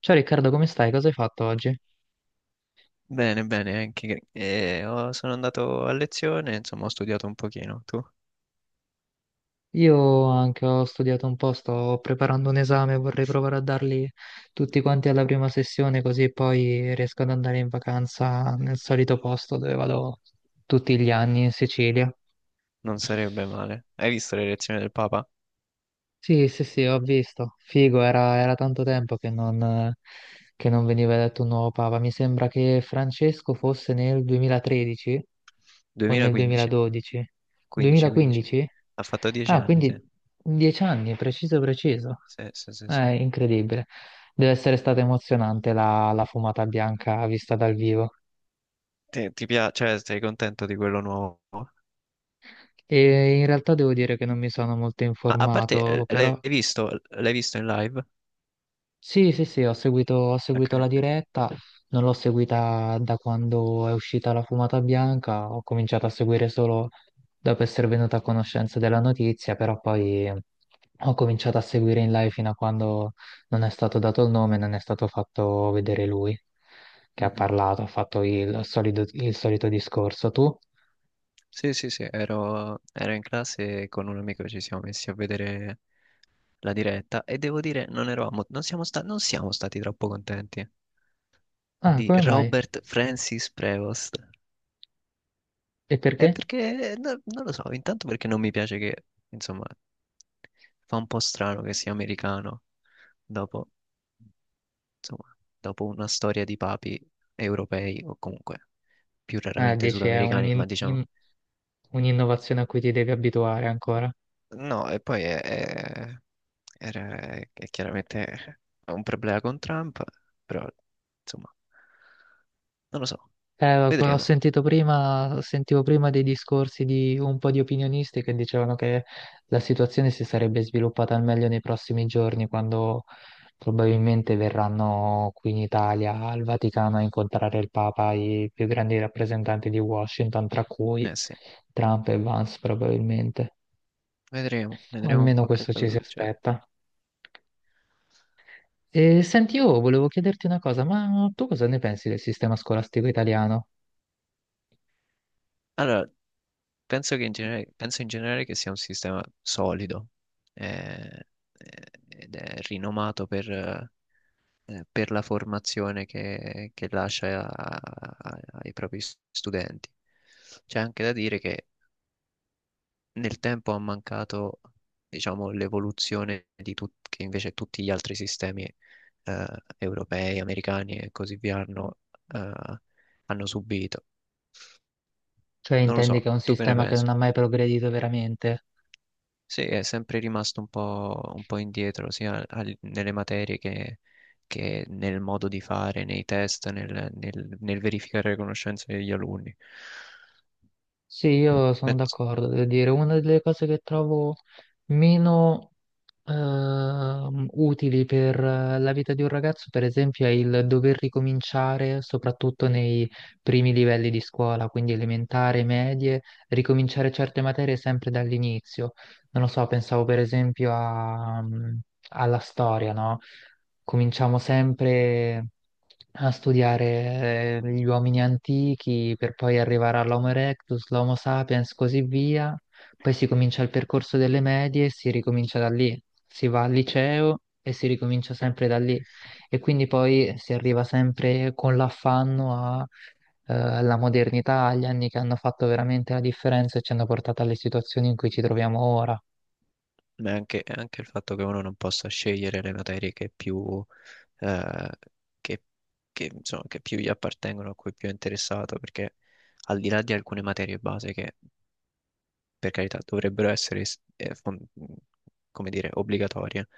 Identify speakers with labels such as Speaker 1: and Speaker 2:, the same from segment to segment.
Speaker 1: Ciao Riccardo, come stai? Cosa hai fatto oggi?
Speaker 2: Bene, bene, anche sono andato a lezione, insomma ho studiato un pochino, tu?
Speaker 1: Io anche ho studiato un po', sto preparando un esame, vorrei provare a darli tutti quanti alla prima sessione, così poi riesco ad andare in vacanza nel solito posto dove vado tutti gli anni in Sicilia.
Speaker 2: Non sarebbe male. Hai visto le lezioni del Papa?
Speaker 1: Sì, sì, sì, ho visto. Figo, era tanto tempo che non veniva eletto un nuovo papa. Mi sembra che Francesco fosse nel 2013 o nel
Speaker 2: 2015,
Speaker 1: 2012.
Speaker 2: 15, 15.
Speaker 1: 2015?
Speaker 2: Ha fatto 10
Speaker 1: Ah,
Speaker 2: anni, sì.
Speaker 1: quindi 10 anni, preciso, preciso.
Speaker 2: Sì, sì, sì,
Speaker 1: È
Speaker 2: sì.
Speaker 1: incredibile. Deve essere stata emozionante la fumata bianca vista dal vivo.
Speaker 2: Ti piace, cioè sei contento di quello nuovo?
Speaker 1: E in realtà devo dire che non mi sono molto
Speaker 2: A parte,
Speaker 1: informato,
Speaker 2: l'hai
Speaker 1: però.
Speaker 2: visto? L'hai visto in live?
Speaker 1: Sì, sì, sì, ho seguito, ho
Speaker 2: Ok,
Speaker 1: seguito la
Speaker 2: ok.
Speaker 1: diretta, non l'ho seguita da quando è uscita la fumata bianca, ho cominciato a seguire solo dopo essere venuta a conoscenza della notizia, però poi ho cominciato a seguire in live fino a quando non è stato dato il nome, non è stato fatto vedere lui che ha
Speaker 2: Mhm.
Speaker 1: parlato, ha fatto il solito discorso. Tu?
Speaker 2: Sì, sì, sì, ero in classe e con un amico ci siamo messi a vedere la diretta e devo dire non eravamo, non siamo stati troppo contenti.
Speaker 1: Ah,
Speaker 2: Di
Speaker 1: come mai?
Speaker 2: Robert Francis Prevost.
Speaker 1: E perché?
Speaker 2: È perché, non lo so, intanto perché non mi piace che, insomma, fa un po' strano che sia americano dopo, insomma, dopo una storia di papi europei o comunque più
Speaker 1: Ah,
Speaker 2: raramente
Speaker 1: dici è
Speaker 2: sudamericani, ma diciamo...
Speaker 1: un'innovazione a cui ti devi abituare ancora.
Speaker 2: No, e poi era- è chiaramente un problema con Trump, però, insomma, non lo so,
Speaker 1: Ho
Speaker 2: vedremo.
Speaker 1: sentito prima, sentivo prima dei discorsi di un po' di opinionisti che dicevano che la situazione si sarebbe sviluppata al meglio nei prossimi giorni, quando probabilmente verranno qui in Italia, al Vaticano, a incontrare il Papa, i più grandi rappresentanti di Washington, tra cui
Speaker 2: Eh sì.
Speaker 1: Trump e Vance probabilmente.
Speaker 2: Vedremo,
Speaker 1: O
Speaker 2: vedremo un
Speaker 1: almeno
Speaker 2: po' che
Speaker 1: questo ci
Speaker 2: cosa
Speaker 1: si
Speaker 2: succede.
Speaker 1: aspetta. E senti, io volevo chiederti una cosa, ma tu cosa ne pensi del sistema scolastico italiano?
Speaker 2: Allora, penso in generale che sia un sistema solido, eh, ed è rinomato per la formazione che lascia ai propri studenti. C'è anche da dire che nel tempo ha mancato, diciamo, l'evoluzione di che invece tutti gli altri sistemi, eh, europei, americani e così via hanno, eh, hanno subito.
Speaker 1: Cioè,
Speaker 2: Non lo so,
Speaker 1: intendi che è un
Speaker 2: tu che ne
Speaker 1: sistema che
Speaker 2: pensi?
Speaker 1: non ha mai progredito veramente?
Speaker 2: Sì, è sempre rimasto un po' indietro, sia nelle materie che nel modo di fare, nei test, nel verificare le conoscenze degli alunni.
Speaker 1: Sì, io sono
Speaker 2: Penso-
Speaker 1: d'accordo, devo dire, una delle cose che trovo meno utili per la vita di un ragazzo, per esempio, è il dover ricominciare, soprattutto nei primi livelli di scuola, quindi elementare, medie, ricominciare certe materie sempre dall'inizio. Non lo so, pensavo per esempio alla storia, no? Cominciamo sempre a studiare gli uomini antichi per poi arrivare all'Homo erectus, l'Homo sapiens, così via. Poi si comincia il percorso delle medie e si ricomincia da lì. Si va al liceo e si ricomincia sempre da lì. E quindi poi si arriva sempre con l'affanno alla modernità, agli anni che hanno fatto veramente la differenza e ci hanno portato alle situazioni in cui ci troviamo ora.
Speaker 2: Ma è anche il fatto che uno non possa scegliere le materie che più, eh, che, insomma, che più gli appartengono, a cui è più interessato, perché al di là di alcune materie base che per carità, dovrebbero essere, come dire, obbligatorie.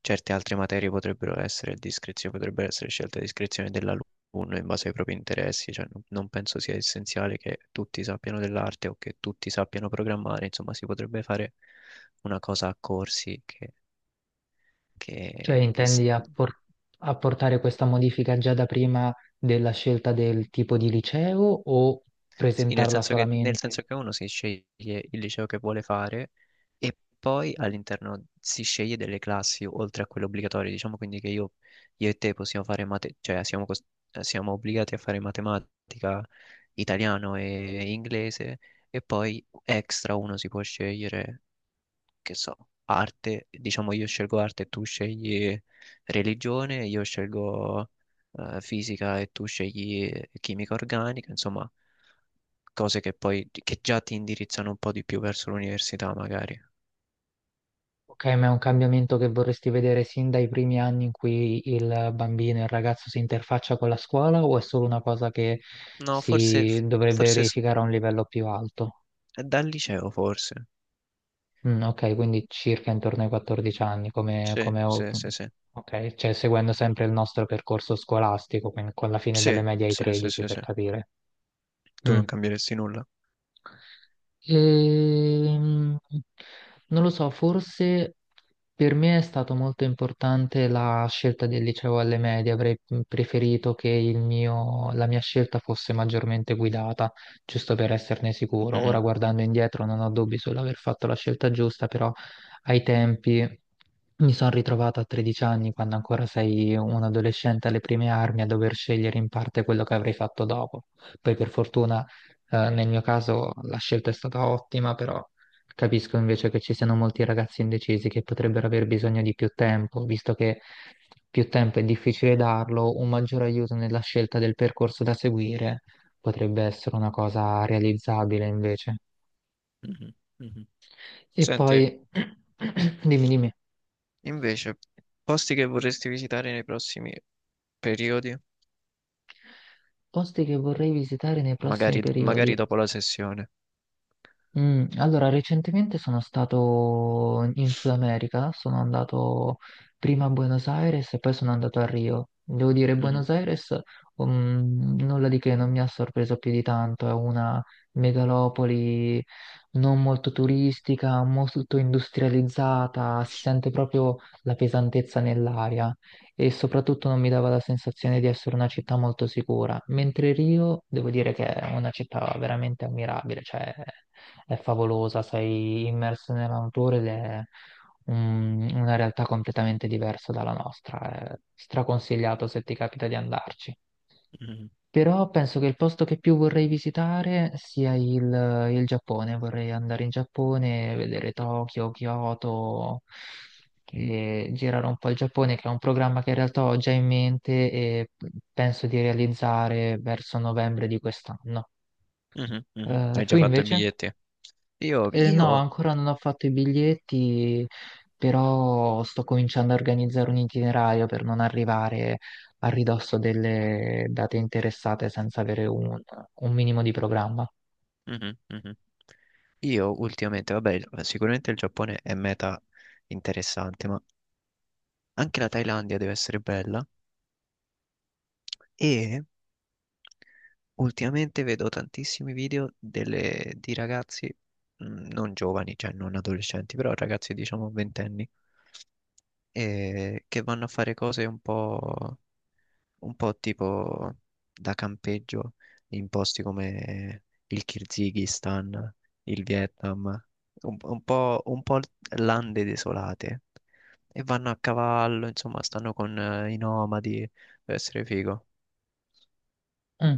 Speaker 2: Certe altre materie potrebbero essere a discrezione, potrebbero essere scelte a discrezione dell'alunno in base ai propri interessi, cioè non, non penso sia essenziale che tutti sappiano dell'arte o che tutti sappiano programmare, insomma, si potrebbe fare una cosa a corsi che,
Speaker 1: Cioè,
Speaker 2: che, che s-
Speaker 1: intendi apportare questa modifica già da prima della scelta del tipo di liceo o
Speaker 2: Sì,
Speaker 1: presentarla
Speaker 2: nel
Speaker 1: solamente?
Speaker 2: senso che uno si sceglie il liceo che vuole fare e poi all'interno si sceglie delle classi oltre a quelle obbligatorie. Diciamo quindi che io e te possiamo fare mate- cioè siamo, cos- siamo obbligati a fare matematica, italiano e inglese e poi extra uno si può scegliere che so, arte, diciamo io scelgo arte e tu scegli religione, io scelgo, fisica e tu scegli chimica organica, insomma, cose che già ti indirizzano un po' di più verso l'università, magari.
Speaker 1: Ok, ma è un cambiamento che vorresti vedere sin dai primi anni in cui il bambino e il ragazzo si interfaccia con la scuola o è solo una cosa che
Speaker 2: No, forse,
Speaker 1: si dovrebbe
Speaker 2: forse s-
Speaker 1: verificare a un livello più alto?
Speaker 2: dal liceo, forse.
Speaker 1: Mm, ok, quindi circa intorno ai 14 anni,
Speaker 2: Sì, sì, sì, sì.
Speaker 1: ok, cioè seguendo sempre il nostro percorso scolastico, quindi con la fine
Speaker 2: Sì,
Speaker 1: delle medie ai
Speaker 2: sì, sì,
Speaker 1: 13
Speaker 2: sì,
Speaker 1: per
Speaker 2: sì.
Speaker 1: capire.
Speaker 2: Tu non
Speaker 1: Mm.
Speaker 2: cambieresti nulla.
Speaker 1: Ehm, Non lo so, forse per me è stato molto importante la scelta del liceo alle medie, avrei preferito che la mia scelta fosse maggiormente guidata, giusto per esserne sicuro.
Speaker 2: Mhm,
Speaker 1: Ora guardando indietro non ho dubbi sull'aver fatto la scelta giusta, però ai tempi mi sono ritrovata a 13 anni, quando ancora sei un adolescente alle prime armi, a dover scegliere in parte quello che avrei fatto dopo. Poi per fortuna nel mio caso la scelta è stata ottima, però capisco invece che ci siano molti ragazzi indecisi che potrebbero aver bisogno di più tempo, visto che più tempo è difficile darlo, un maggior aiuto nella scelta del percorso da seguire potrebbe essere una cosa realizzabile invece.
Speaker 2: mhm, mhm.
Speaker 1: E poi,
Speaker 2: Senti,
Speaker 1: dimmi, dimmi,
Speaker 2: invece, posti che vorresti visitare nei prossimi periodi?
Speaker 1: posti che vorrei visitare nei prossimi
Speaker 2: Magari, magari
Speaker 1: periodi.
Speaker 2: dopo la sessione.
Speaker 1: Allora, recentemente sono stato in Sud America, sono andato prima a Buenos Aires e poi sono andato a Rio. Devo dire,
Speaker 2: Mhm,
Speaker 1: Buenos Aires, nulla di che, non mi ha sorpreso più di tanto, è una megalopoli non molto turistica, molto industrializzata, si sente proprio la pesantezza nell'aria e soprattutto non mi dava la sensazione di essere una città molto sicura, mentre Rio devo dire che è una città veramente ammirabile, cioè è favolosa, sei immerso nella natura ed è una realtà completamente diversa dalla nostra, è straconsigliato se ti capita di andarci.
Speaker 2: mhm,
Speaker 1: Però penso che il posto che più vorrei visitare sia il Giappone. Vorrei andare in Giappone, vedere Tokyo, Kyoto, e girare un po' il Giappone, che è un programma che in realtà ho già in mente e penso di realizzare verso novembre di quest'anno.
Speaker 2: mhm, mhm. Hai
Speaker 1: Tu
Speaker 2: già fatto i
Speaker 1: invece?
Speaker 2: biglietti?
Speaker 1: No,
Speaker 2: Io,
Speaker 1: ancora non ho fatto i biglietti, però sto cominciando a organizzare un itinerario per non arrivare a ridosso delle date interessate senza avere un minimo di programma.
Speaker 2: mhm, mhm. Io ultimamente, vabbè, sicuramente il Giappone è meta interessante, ma anche la Thailandia deve essere bella. E ultimamente vedo tantissimi video di ragazzi, non giovani, cioè non adolescenti, però ragazzi diciamo ventenni, che vanno a fare cose un po'. Un po' tipo da campeggio in posti come il Kirghizistan, il Vietnam, un po' lande desolate. E vanno a cavallo, insomma, stanno con i nomadi, deve essere figo.
Speaker 1: Mm.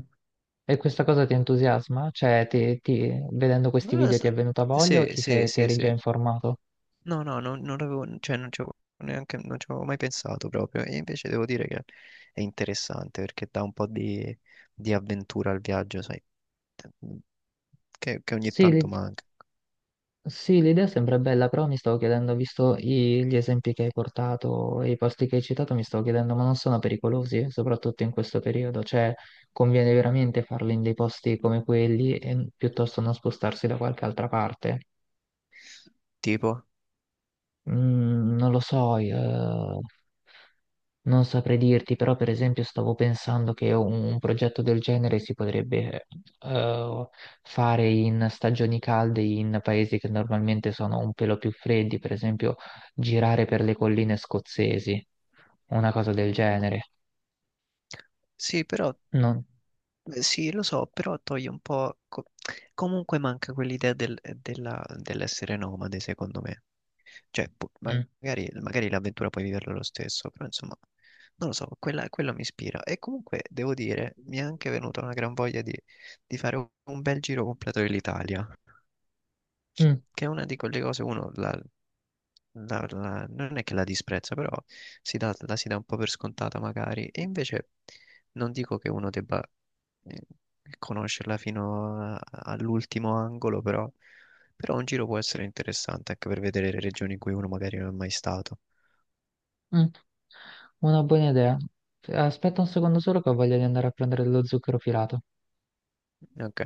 Speaker 1: E questa cosa ti entusiasma? Cioè, vedendo questi
Speaker 2: Non lo
Speaker 1: video ti
Speaker 2: so.
Speaker 1: è venuta voglia o
Speaker 2: Sì,
Speaker 1: ti
Speaker 2: sì,
Speaker 1: sei, ti
Speaker 2: sì,
Speaker 1: eri già
Speaker 2: sì.
Speaker 1: informato?
Speaker 2: No, no, non l'avevo, cioè, non ci avevo neanche, non ci avevo mai pensato proprio. E invece devo dire che è interessante perché dà un po' di avventura al viaggio, sai, che ogni
Speaker 1: Sì,
Speaker 2: tanto
Speaker 1: li-
Speaker 2: manca.
Speaker 1: Sì, l'idea sembra bella, però mi stavo chiedendo, visto gli esempi che hai portato e i posti che hai citato, mi stavo chiedendo, ma non sono pericolosi, soprattutto in questo periodo? Cioè, conviene veramente farli in dei posti come quelli e piuttosto non spostarsi da qualche altra parte?
Speaker 2: Tipo,
Speaker 1: Non lo so. Non saprei dirti, però per esempio stavo pensando che un progetto del genere si potrebbe eh, fare in stagioni calde, in paesi che normalmente sono un pelo più freddi, per esempio girare per le colline scozzesi, una cosa del genere.
Speaker 2: sì, però,
Speaker 1: Non.
Speaker 2: sì, lo so, però toglie un po'... comunque manca quell'idea dell'essere nomade, secondo me. Cioè,
Speaker 1: Mm,
Speaker 2: magari, magari l'avventura puoi viverla lo stesso, però insomma, non lo so, quello mi ispira. E comunque, devo dire, mi è anche venuta una gran voglia di fare un bel giro completo dell'Italia.
Speaker 1: mm,
Speaker 2: Che è una di quelle cose uno non è che la disprezza, però la si dà un po' per scontata magari, e invece non dico che uno debba, eh, conoscerla all'ultimo angolo, però, però un giro può essere interessante anche per vedere le regioni in cui uno magari non è mai stato.
Speaker 1: mm. Una buona idea. Aspetta un secondo solo che ho voglia di andare a prendere dello zucchero filato.
Speaker 2: Ok.